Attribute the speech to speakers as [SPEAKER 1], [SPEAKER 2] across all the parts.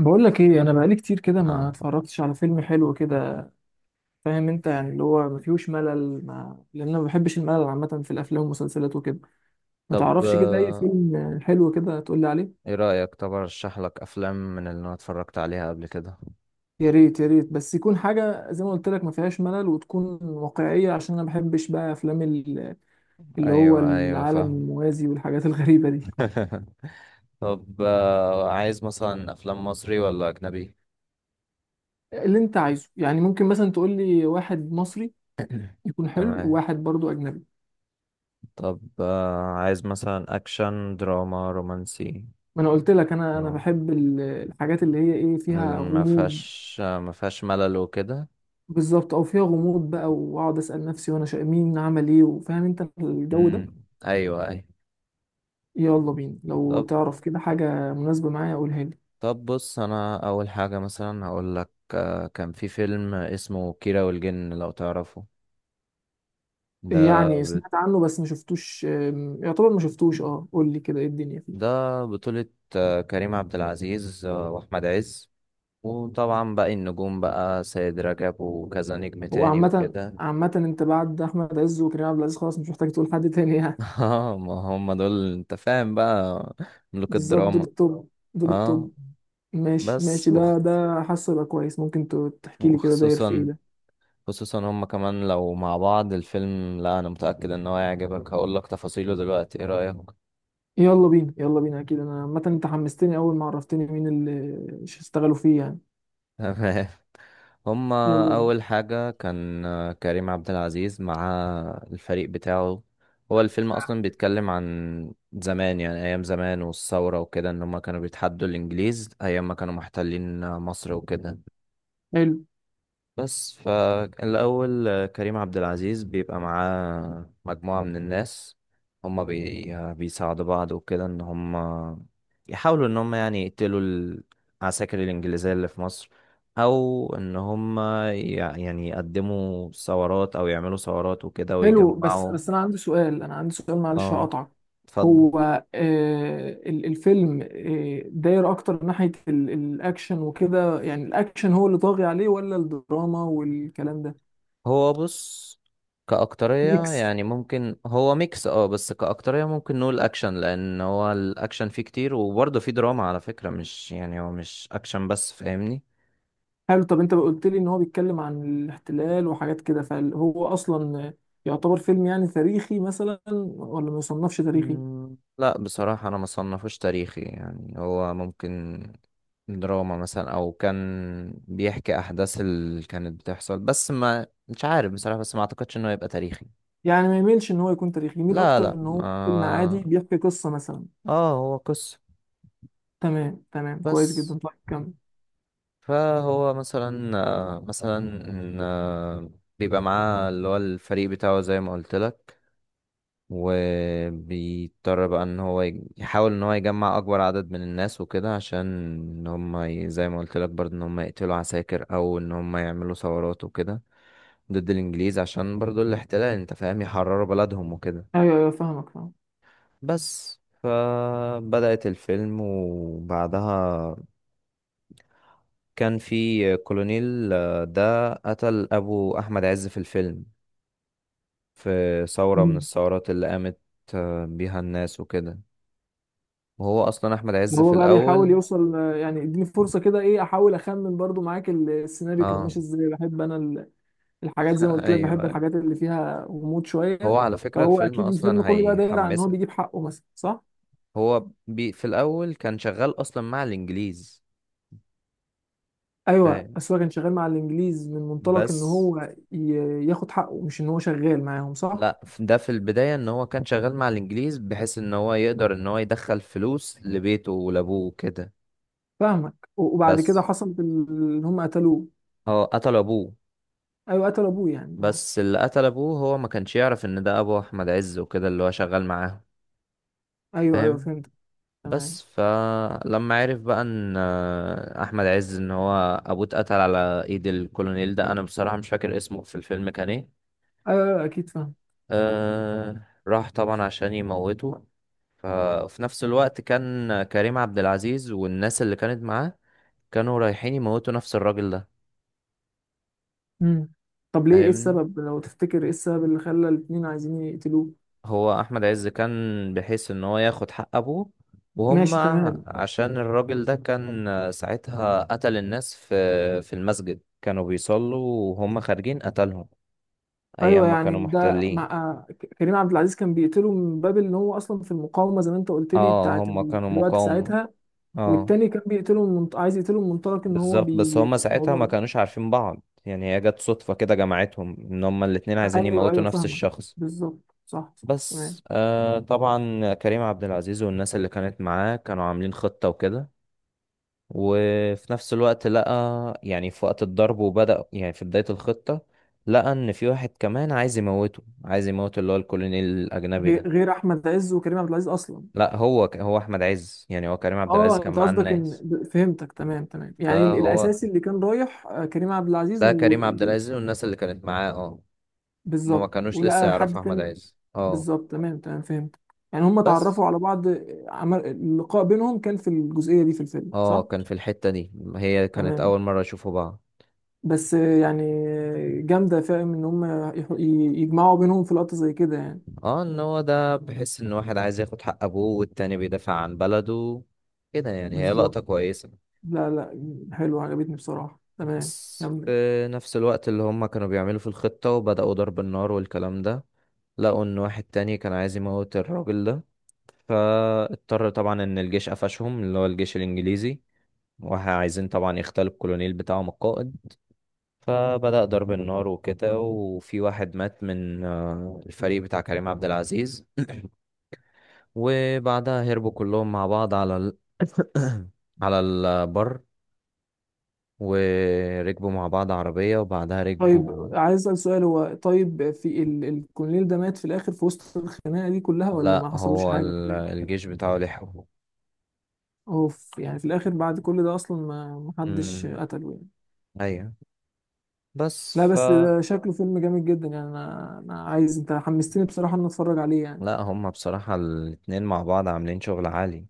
[SPEAKER 1] بقول لك ايه، انا بقالي كتير كده ما
[SPEAKER 2] اه.
[SPEAKER 1] اتفرجتش على فيلم حلو كده. فاهم انت، يعني اللي هو ما فيهوش ملل ما... لان انا ما بحبش الملل عامه في الافلام والمسلسلات وكده. ما
[SPEAKER 2] طب،
[SPEAKER 1] تعرفش كده اي فيلم حلو كده تقول لي عليه؟
[SPEAKER 2] ايه رأيك؟ طب ارشح لك افلام من اللي انا اتفرجت عليها قبل كده.
[SPEAKER 1] يا ريت يا ريت، بس يكون حاجه زي ما قلت لك ما فيهاش ملل وتكون واقعيه، عشان انا ما بحبش بقى افلام اللي هو
[SPEAKER 2] ايوه، ايوه،
[SPEAKER 1] العالم
[SPEAKER 2] فاهم.
[SPEAKER 1] الموازي والحاجات الغريبه دي.
[SPEAKER 2] طب، عايز مثلا افلام مصري ولا اجنبي؟
[SPEAKER 1] اللي انت عايزه، يعني ممكن مثلا تقول لي واحد مصري يكون حلو
[SPEAKER 2] تمام.
[SPEAKER 1] وواحد برضو اجنبي.
[SPEAKER 2] طب، عايز مثلا اكشن دراما رومانسي؟
[SPEAKER 1] ما انا قلت لك، انا
[SPEAKER 2] آه،
[SPEAKER 1] بحب الحاجات اللي هي ايه، فيها
[SPEAKER 2] ما
[SPEAKER 1] غموض.
[SPEAKER 2] فيهاش ما فيهاش ملل وكده.
[SPEAKER 1] بالظبط، او فيها غموض بقى واقعد اسال نفسي وانا شا... مين عمل ايه، وفاهم انت الجو ده.
[SPEAKER 2] مم. ايوه، ايوه.
[SPEAKER 1] يلا بينا، لو
[SPEAKER 2] طب
[SPEAKER 1] تعرف كده حاجه مناسبه معايا قولها لي.
[SPEAKER 2] طب بص، انا اول حاجة مثلا هقول لك كان في فيلم اسمه كيرة والجن لو تعرفه.
[SPEAKER 1] يعني
[SPEAKER 2] ده
[SPEAKER 1] سمعت عنه بس ما شفتوش، يعتبر ما شفتوش. اه قول لي كده ايه الدنيا
[SPEAKER 2] ده
[SPEAKER 1] فيه.
[SPEAKER 2] بطولة كريم عبد العزيز وأحمد عز. وطبعا باقي النجوم بقى سيد رجب وكذا نجم
[SPEAKER 1] هو
[SPEAKER 2] تاني
[SPEAKER 1] عامه
[SPEAKER 2] وكده.
[SPEAKER 1] عامه انت بعد احمد عز وكريم عبد العزيز خلاص مش محتاج تقول حد تاني يعني.
[SPEAKER 2] اه، ما هم دول، انت فاهم، بقى ملوك
[SPEAKER 1] بالظبط، دول
[SPEAKER 2] الدراما.
[SPEAKER 1] التوب، دول
[SPEAKER 2] اه،
[SPEAKER 1] التوب. ماشي
[SPEAKER 2] بس
[SPEAKER 1] ماشي، ده حاسه يبقى كويس. ممكن تحكي لي كده داير في ايه
[SPEAKER 2] وخصوصا
[SPEAKER 1] ده؟
[SPEAKER 2] خصوصا هم كمان لو مع بعض الفيلم، لا انا متأكد ان هو هيعجبك. هقول لك تفاصيله دلوقتي، ايه رأيك؟
[SPEAKER 1] يلا بينا يلا بينا، اكيد انا عامه انت حمستني اول ما عرفتني مين اللي اشتغلوا فيه يعني.
[SPEAKER 2] تمام. هما
[SPEAKER 1] يلا بينا.
[SPEAKER 2] أول حاجة كان كريم عبد العزيز مع الفريق بتاعه. هو الفيلم أصلا بيتكلم عن زمان، يعني أيام زمان والثورة وكده، إن هما كانوا بيتحدوا الإنجليز أيام ما كانوا محتلين مصر وكده.
[SPEAKER 1] حلو.
[SPEAKER 2] بس فالأول، كريم عبد العزيز بيبقى معاه مجموعة من الناس. هما بي... آه، بيساعدوا بعض وكده إن هما يحاولوا إن هما يعني يقتلوا العساكر الإنجليزية اللي في مصر. أو إن هما يعني يقدموا ثورات أو يعملوا ثورات وكده
[SPEAKER 1] حلو، بس
[SPEAKER 2] ويجمعوا.
[SPEAKER 1] بس انا عندي سؤال، انا عندي سؤال، معلش
[SPEAKER 2] اه،
[SPEAKER 1] هقطعك.
[SPEAKER 2] اتفضل.
[SPEAKER 1] هو آه، الفيلم آه داير اكتر ناحية الاكشن وكده؟ يعني الاكشن هو اللي طاغي عليه ولا الدراما والكلام ده؟
[SPEAKER 2] هو بص، كأكترية
[SPEAKER 1] ميكس.
[SPEAKER 2] يعني ممكن هو ميكس. اه، بس كأكترية ممكن نقول أكشن لأن هو الأكشن فيه كتير، وبرضه فيه دراما على فكرة، مش يعني هو مش أكشن بس، فاهمني؟
[SPEAKER 1] حلو. طب انت قلت لي ان هو بيتكلم عن الاحتلال وحاجات كده، فهو اصلا يعتبر فيلم يعني تاريخي مثلا، ولا ما يصنفش تاريخي؟
[SPEAKER 2] مم، لا، بصراحة أنا ما صنفوش تاريخي، يعني هو ممكن دراما مثلا، أو كان بيحكي أحداث اللي كانت بتحصل، بس ما مش عارف بصراحة، بس ما أعتقدش إنه يبقى تاريخي.
[SPEAKER 1] يعني ما يميلش ان هو يكون تاريخي، يميل
[SPEAKER 2] لا،
[SPEAKER 1] اكتر
[SPEAKER 2] لا،
[SPEAKER 1] ان هو فيلم
[SPEAKER 2] ما
[SPEAKER 1] عادي بيحكي قصة مثلا.
[SPEAKER 2] اه، هو قصة.
[SPEAKER 1] تمام تمام، كويس
[SPEAKER 2] بس
[SPEAKER 1] جدا، طيب كمل.
[SPEAKER 2] فهو مثلا مثلا آه، بيبقى معاه اللي هو الفريق بتاعه زي ما قلت لك. وبيضطر بقى ان هو يحاول ان هو يجمع اكبر عدد من الناس وكده، عشان ان هم زي ما قلت لك برضه ان هم يقتلوا عساكر او ان هم يعملوا ثورات وكده ضد الانجليز، عشان برضه الاحتلال، انت فاهم، يحرروا بلدهم وكده.
[SPEAKER 1] ايوه ايوه، فاهمك فاهم.
[SPEAKER 2] بس فبدأت الفيلم وبعدها كان في كولونيل، ده قتل أبو أحمد عز في الفيلم في ثورة من
[SPEAKER 1] مم.
[SPEAKER 2] الثورات اللي قامت بيها الناس وكده. وهو أصلا أحمد عز في
[SPEAKER 1] هو بقى بيحاول
[SPEAKER 2] الأول.
[SPEAKER 1] يوصل آه، يعني اديني فرصة كده ايه، احاول اخمن برضو معاك السيناريو كان
[SPEAKER 2] اه.
[SPEAKER 1] ماشي ازاي. بحب انا الحاجات زي ما قلت لك،
[SPEAKER 2] أيوه،
[SPEAKER 1] بحب
[SPEAKER 2] أيوة.
[SPEAKER 1] الحاجات اللي فيها غموض
[SPEAKER 2] هو
[SPEAKER 1] شوية.
[SPEAKER 2] على فكرة
[SPEAKER 1] فهو
[SPEAKER 2] الفيلم
[SPEAKER 1] اكيد الفيلم
[SPEAKER 2] أصلا
[SPEAKER 1] كله بقى داير عن ان هو
[SPEAKER 2] هيحمسك.
[SPEAKER 1] بيجيب حقه مثلا، صح؟
[SPEAKER 2] هو في الأول كان شغال أصلا مع الإنجليز،
[SPEAKER 1] ايوه،
[SPEAKER 2] فاهم؟
[SPEAKER 1] بس هو كان شغال مع الانجليز من منطلق ان
[SPEAKER 2] بس،
[SPEAKER 1] هو ياخد حقه، مش ان هو شغال معاهم، صح؟
[SPEAKER 2] لا، ده في البداية إن هو كان شغال مع الإنجليز بحيث إن هو يقدر إن هو يدخل فلوس لبيته ولأبوه كده.
[SPEAKER 1] فاهمك. و- وبعد كده
[SPEAKER 2] بس
[SPEAKER 1] حصل ان هم قتلوه.
[SPEAKER 2] هو قتل أبوه.
[SPEAKER 1] ايوه قتلوا ابوه يعني، اه.
[SPEAKER 2] بس اللي قتل ابوه هو ما كانش يعرف ان ده ابو احمد عز وكده، اللي هو شغال معاه،
[SPEAKER 1] ايوه ايوه
[SPEAKER 2] فاهم؟
[SPEAKER 1] فهمت. تمام.
[SPEAKER 2] بس فلما عرف بقى ان احمد عز ان هو ابوه اتقتل على ايد الكولونيل ده، انا بصراحة مش فاكر اسمه في الفيلم كان ايه.
[SPEAKER 1] ايوه أيوة، اكيد فاهم.
[SPEAKER 2] أه، راح طبعا عشان يموته. ففي نفس الوقت كان كريم عبد العزيز والناس اللي كانت معاه كانوا رايحين يموتوا نفس الراجل ده،
[SPEAKER 1] مم. طب ليه، ايه
[SPEAKER 2] فاهمني.
[SPEAKER 1] السبب لو تفتكر، ايه السبب اللي خلى الاتنين عايزين يقتلوه؟
[SPEAKER 2] هو احمد عز كان بحيث ان هو ياخد حق ابوه، وهم
[SPEAKER 1] ماشي تمام.
[SPEAKER 2] عشان الراجل ده كان ساعتها قتل الناس في المسجد، كانوا بيصلوا وهم خارجين قتلهم
[SPEAKER 1] ايوه
[SPEAKER 2] ايام ما
[SPEAKER 1] يعني
[SPEAKER 2] كانوا
[SPEAKER 1] ده مع
[SPEAKER 2] محتلين.
[SPEAKER 1] آه، كريم عبد العزيز كان بيقتله من باب ان هو اصلا في المقاومه زي ما انت قلت لي
[SPEAKER 2] اه،
[SPEAKER 1] بتاعت
[SPEAKER 2] هم
[SPEAKER 1] ال...
[SPEAKER 2] كانوا
[SPEAKER 1] في الوقت
[SPEAKER 2] مقاومة.
[SPEAKER 1] ساعتها.
[SPEAKER 2] اه.
[SPEAKER 1] والتاني كان بيقتله من منط... عايز يقتله من منطلق ان هو
[SPEAKER 2] بالظبط. بس
[SPEAKER 1] بي
[SPEAKER 2] هم ساعتها
[SPEAKER 1] الموضوع
[SPEAKER 2] ما
[SPEAKER 1] ده.
[SPEAKER 2] كانوش عارفين بعض، يعني هي جت صدفة كده جمعتهم ان هم الاتنين عايزين
[SPEAKER 1] ايوه
[SPEAKER 2] يموتوا
[SPEAKER 1] ايوه
[SPEAKER 2] نفس
[SPEAKER 1] فاهمك.
[SPEAKER 2] الشخص.
[SPEAKER 1] بالظبط، صح صح، تمام.
[SPEAKER 2] بس، طبعا كريم عبد العزيز والناس اللي كانت معاه كانوا عاملين خطة وكده. وفي نفس الوقت لقى، يعني في وقت الضرب وبدأ، يعني في بداية الخطة لقى ان في واحد كمان عايز يموته، عايز يموت اللي هو الكولونيل الاجنبي
[SPEAKER 1] غير
[SPEAKER 2] ده.
[SPEAKER 1] غير احمد عز وكريم عبد العزيز اصلا؟
[SPEAKER 2] لا، هو هو احمد عز، يعني هو كريم عبد العزيز
[SPEAKER 1] اه
[SPEAKER 2] كان
[SPEAKER 1] انت
[SPEAKER 2] معاه
[SPEAKER 1] قصدك ان،
[SPEAKER 2] الناس.
[SPEAKER 1] فهمتك تمام تمام، يعني
[SPEAKER 2] فهو
[SPEAKER 1] الاساسي اللي كان رايح آه، كريم عبد العزيز
[SPEAKER 2] ده
[SPEAKER 1] و...
[SPEAKER 2] كريم عبد العزيز والناس اللي كانت معاه، اه. هما ما
[SPEAKER 1] بالظبط،
[SPEAKER 2] كانوش لسه
[SPEAKER 1] ولقى حد
[SPEAKER 2] يعرفوا احمد
[SPEAKER 1] تاني.
[SPEAKER 2] عز، اه.
[SPEAKER 1] بالظبط تمام تمام فهمت. يعني هم
[SPEAKER 2] بس،
[SPEAKER 1] اتعرفوا على بعض، عمل اللقاء بينهم كان في الجزئية دي في الفيلم،
[SPEAKER 2] اه،
[SPEAKER 1] صح؟
[SPEAKER 2] كان في الحتة دي، هي كانت
[SPEAKER 1] تمام.
[SPEAKER 2] اول مرة يشوفوا بعض.
[SPEAKER 1] بس يعني جامدة، فاهم ان هم يح- ي- يجمعوا بينهم في لقطة زي كده يعني.
[SPEAKER 2] اه. ان هو ده بحس ان واحد عايز ياخد حق ابوه والتاني بيدافع عن بلده، كده يعني هي لقطة
[SPEAKER 1] بالظبط.
[SPEAKER 2] كويسة.
[SPEAKER 1] لا لا، حلوة عجبتني بصراحة، تمام.
[SPEAKER 2] بس
[SPEAKER 1] كمل.
[SPEAKER 2] في نفس الوقت اللي هم كانوا بيعملوا في الخطة وبدأوا ضرب النار والكلام ده، لقوا إن واحد تاني كان عايز يموت الراجل ده. فاضطر طبعا إن الجيش قفشهم، اللي هو الجيش الإنجليزي، وعايزين طبعا يختلوا الكولونيل بتاعهم القائد. فبدأ ضرب النار وكده، وفي واحد مات من الفريق بتاع كريم عبد العزيز. وبعدها هربوا كلهم مع بعض على البر، وركبوا مع بعض عربية وبعدها
[SPEAKER 1] طيب
[SPEAKER 2] ركبوا.
[SPEAKER 1] عايز اسأل سؤال، هو طيب في ال... الكولونيل ده مات في الاخر في وسط الخناقة دي كلها، ولا
[SPEAKER 2] لا،
[SPEAKER 1] ما حصلوش
[SPEAKER 2] هو
[SPEAKER 1] حاجة في الآخر؟
[SPEAKER 2] الجيش بتاعه لحقه.
[SPEAKER 1] اوف، يعني في الاخر بعد كل ده اصلا، ما حدش
[SPEAKER 2] امم،
[SPEAKER 1] قتله يعني.
[SPEAKER 2] ايوه، بس
[SPEAKER 1] لا بس ده شكله فيلم جامد جدا يعني، انا عايز، انت حمستني بصراحه ان أنا اتفرج عليه يعني.
[SPEAKER 2] لا، هما بصراحة الاتنين مع بعض عاملين شغل عالي.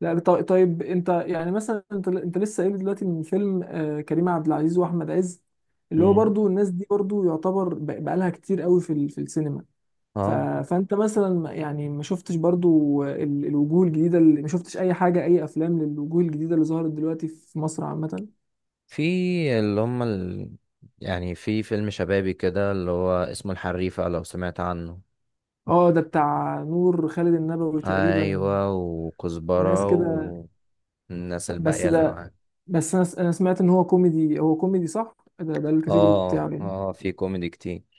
[SPEAKER 1] لا طيب انت يعني مثلا، انت لسه قايل دلوقتي من فيلم آه، كريم عبد العزيز واحمد عز، اللي هو
[SPEAKER 2] امم،
[SPEAKER 1] برضو الناس دي برضو يعتبر بقالها كتير قوي في في السينما. ف...
[SPEAKER 2] اه،
[SPEAKER 1] فانت مثلا يعني ما شفتش برضو الوجوه الجديده، اللي ما شفتش اي حاجه، اي افلام للوجوه الجديده اللي ظهرت دلوقتي في مصر عامه؟
[SPEAKER 2] في اللي هما يعني في فيلم شبابي كده اللي هو اسمه الحريفة لو سمعت عنه.
[SPEAKER 1] اه ده بتاع نور خالد النبوي تقريبا
[SPEAKER 2] ايوه،
[SPEAKER 1] وناس
[SPEAKER 2] وكزبرة
[SPEAKER 1] كده.
[SPEAKER 2] والناس
[SPEAKER 1] بس
[SPEAKER 2] الباقية اللي
[SPEAKER 1] ده،
[SPEAKER 2] معاك.
[SPEAKER 1] بس انا أنا سمعت ان هو كوميدي، هو كوميدي صح؟ ده الكاتيجوري بتاعه
[SPEAKER 2] اه،
[SPEAKER 1] يعني.
[SPEAKER 2] اه، في كوميدي كتير.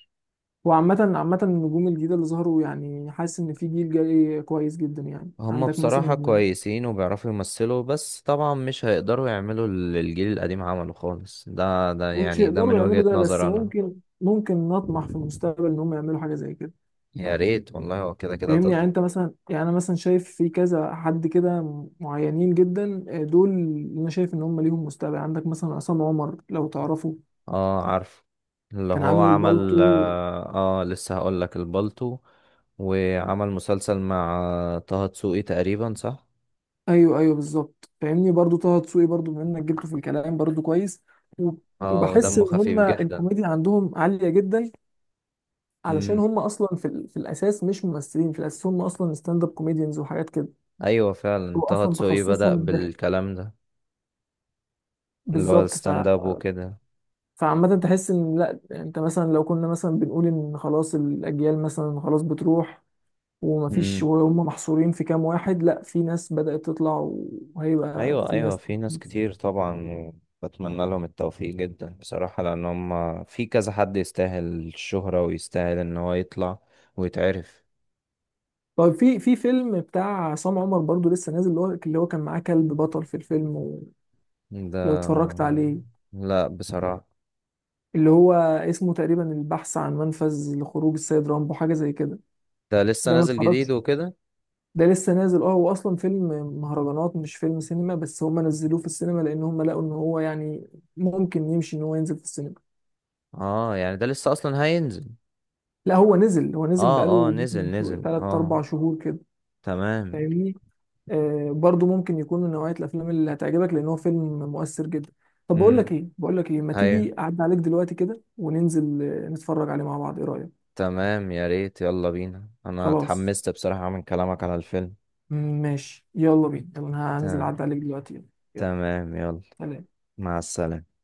[SPEAKER 1] وعامة عامة النجوم الجديدة اللي ظهروا، يعني حاسس ان في جيل جاي كويس جدا، يعني
[SPEAKER 2] هم
[SPEAKER 1] عندك
[SPEAKER 2] بصراحة
[SPEAKER 1] مثلا،
[SPEAKER 2] كويسين وبيعرفوا يمثلوا، بس طبعا مش هيقدروا يعملوا اللي الجيل القديم عمله خالص، ده
[SPEAKER 1] هم مش
[SPEAKER 2] يعني ده
[SPEAKER 1] يقدروا
[SPEAKER 2] من
[SPEAKER 1] يعملوا
[SPEAKER 2] وجهة
[SPEAKER 1] ده بس
[SPEAKER 2] نظر أنا.
[SPEAKER 1] ممكن، ممكن نطمح في المستقبل ان هم يعملوا حاجة زي كده.
[SPEAKER 2] يا ريت والله، هو كده كده
[SPEAKER 1] فاهمني يعني؟ انت مثلا، يعني انا مثلا شايف في كذا حد كده معينين جدا آه، دول انا شايف ان هم ليهم مستقبل. عندك مثلا عصام عمر لو تعرفه،
[SPEAKER 2] اه، عارف، اللي
[SPEAKER 1] كان
[SPEAKER 2] هو
[SPEAKER 1] عامل اه
[SPEAKER 2] عمل
[SPEAKER 1] البالتو.
[SPEAKER 2] لسه هقولك البالتو. وعمل مسلسل مع طه دسوقي تقريبا، صح؟
[SPEAKER 1] ايوه ايوه بالظبط، فاهمني. برضو طه دسوقي برضو، بما انك جبته في الكلام برضو كويس، و-
[SPEAKER 2] اه،
[SPEAKER 1] وبحس
[SPEAKER 2] ودمه
[SPEAKER 1] ان
[SPEAKER 2] خفيف
[SPEAKER 1] هما
[SPEAKER 2] جدا.
[SPEAKER 1] الكوميديا عندهم عاليه جدا، علشان
[SPEAKER 2] مم.
[SPEAKER 1] هما اصلا في، ال... في الاساس مش ممثلين، في الاساس هما اصلا ستاند اب كوميديانز وحاجات كده.
[SPEAKER 2] أيوة،
[SPEAKER 1] هو
[SPEAKER 2] فعلا طه
[SPEAKER 1] اصلا
[SPEAKER 2] دسوقي بدأ
[SPEAKER 1] تخصصهم الضحك.
[SPEAKER 2] بالكلام ده، اللي هو
[SPEAKER 1] بالظبط ف،
[SPEAKER 2] الستاند اب وكده.
[SPEAKER 1] فعامة تحس ان لا، انت مثلا لو كنا مثلا بنقول ان خلاص الاجيال مثلا خلاص بتروح، ومفيش
[SPEAKER 2] مم.
[SPEAKER 1] وهم محصورين في كام واحد، لا في ناس بدأت تطلع، وهيبقى
[SPEAKER 2] ايوه،
[SPEAKER 1] في
[SPEAKER 2] ايوه،
[SPEAKER 1] ناس.
[SPEAKER 2] في ناس كتير طبعا. بتمنى لهم التوفيق جدا بصراحة، لان هم في كذا حد يستاهل الشهرة ويستاهل ان هو يطلع ويتعرف.
[SPEAKER 1] طيب في، في فيلم بتاع عصام عمر برضو لسه نازل، اللي هو كان معاه كلب بطل في الفيلم، ولو
[SPEAKER 2] ده
[SPEAKER 1] اتفرجت عليه،
[SPEAKER 2] لا، بصراحة
[SPEAKER 1] اللي هو اسمه تقريبا البحث عن منفذ لخروج السيد رامبو، حاجة زي كده.
[SPEAKER 2] ده لسه
[SPEAKER 1] ده ما
[SPEAKER 2] نازل
[SPEAKER 1] اتفرجتش.
[SPEAKER 2] جديد وكده.
[SPEAKER 1] ده لسه نازل، اه هو اصلا فيلم مهرجانات، مش فيلم سينما، بس هم نزلوه في السينما لان هم لقوا ان هو يعني ممكن يمشي ان هو ينزل في السينما.
[SPEAKER 2] اه، يعني ده لسه اصلا هينزل؟
[SPEAKER 1] لا هو نزل، هو نزل
[SPEAKER 2] اه، اه،
[SPEAKER 1] بقاله
[SPEAKER 2] نزل،
[SPEAKER 1] ممكن
[SPEAKER 2] نزل،
[SPEAKER 1] 3
[SPEAKER 2] اه.
[SPEAKER 1] 4 شهور كده.
[SPEAKER 2] تمام.
[SPEAKER 1] فاهمني. آه، برضو ممكن يكون من نوعية الأفلام اللي هتعجبك لأن هو فيلم مؤثر جدا. طب بقول لك
[SPEAKER 2] امم،
[SPEAKER 1] إيه، بقول لك إيه، ما
[SPEAKER 2] ايوه،
[SPEAKER 1] تيجي أعدي عليك دلوقتي كده وننزل آه، نتفرج عليه مع بعض، إيه رأيك؟
[SPEAKER 2] تمام، يا ريت، يلا بينا، انا
[SPEAKER 1] خلاص
[SPEAKER 2] اتحمست بصراحة من كلامك على الفيلم.
[SPEAKER 1] ماشي يلا بينا، يلا أنا هنزل
[SPEAKER 2] ت-
[SPEAKER 1] أعدي عليك دلوقتي، يلا يلا.
[SPEAKER 2] تمام، يلا،
[SPEAKER 1] سلام.
[SPEAKER 2] مع السلامة.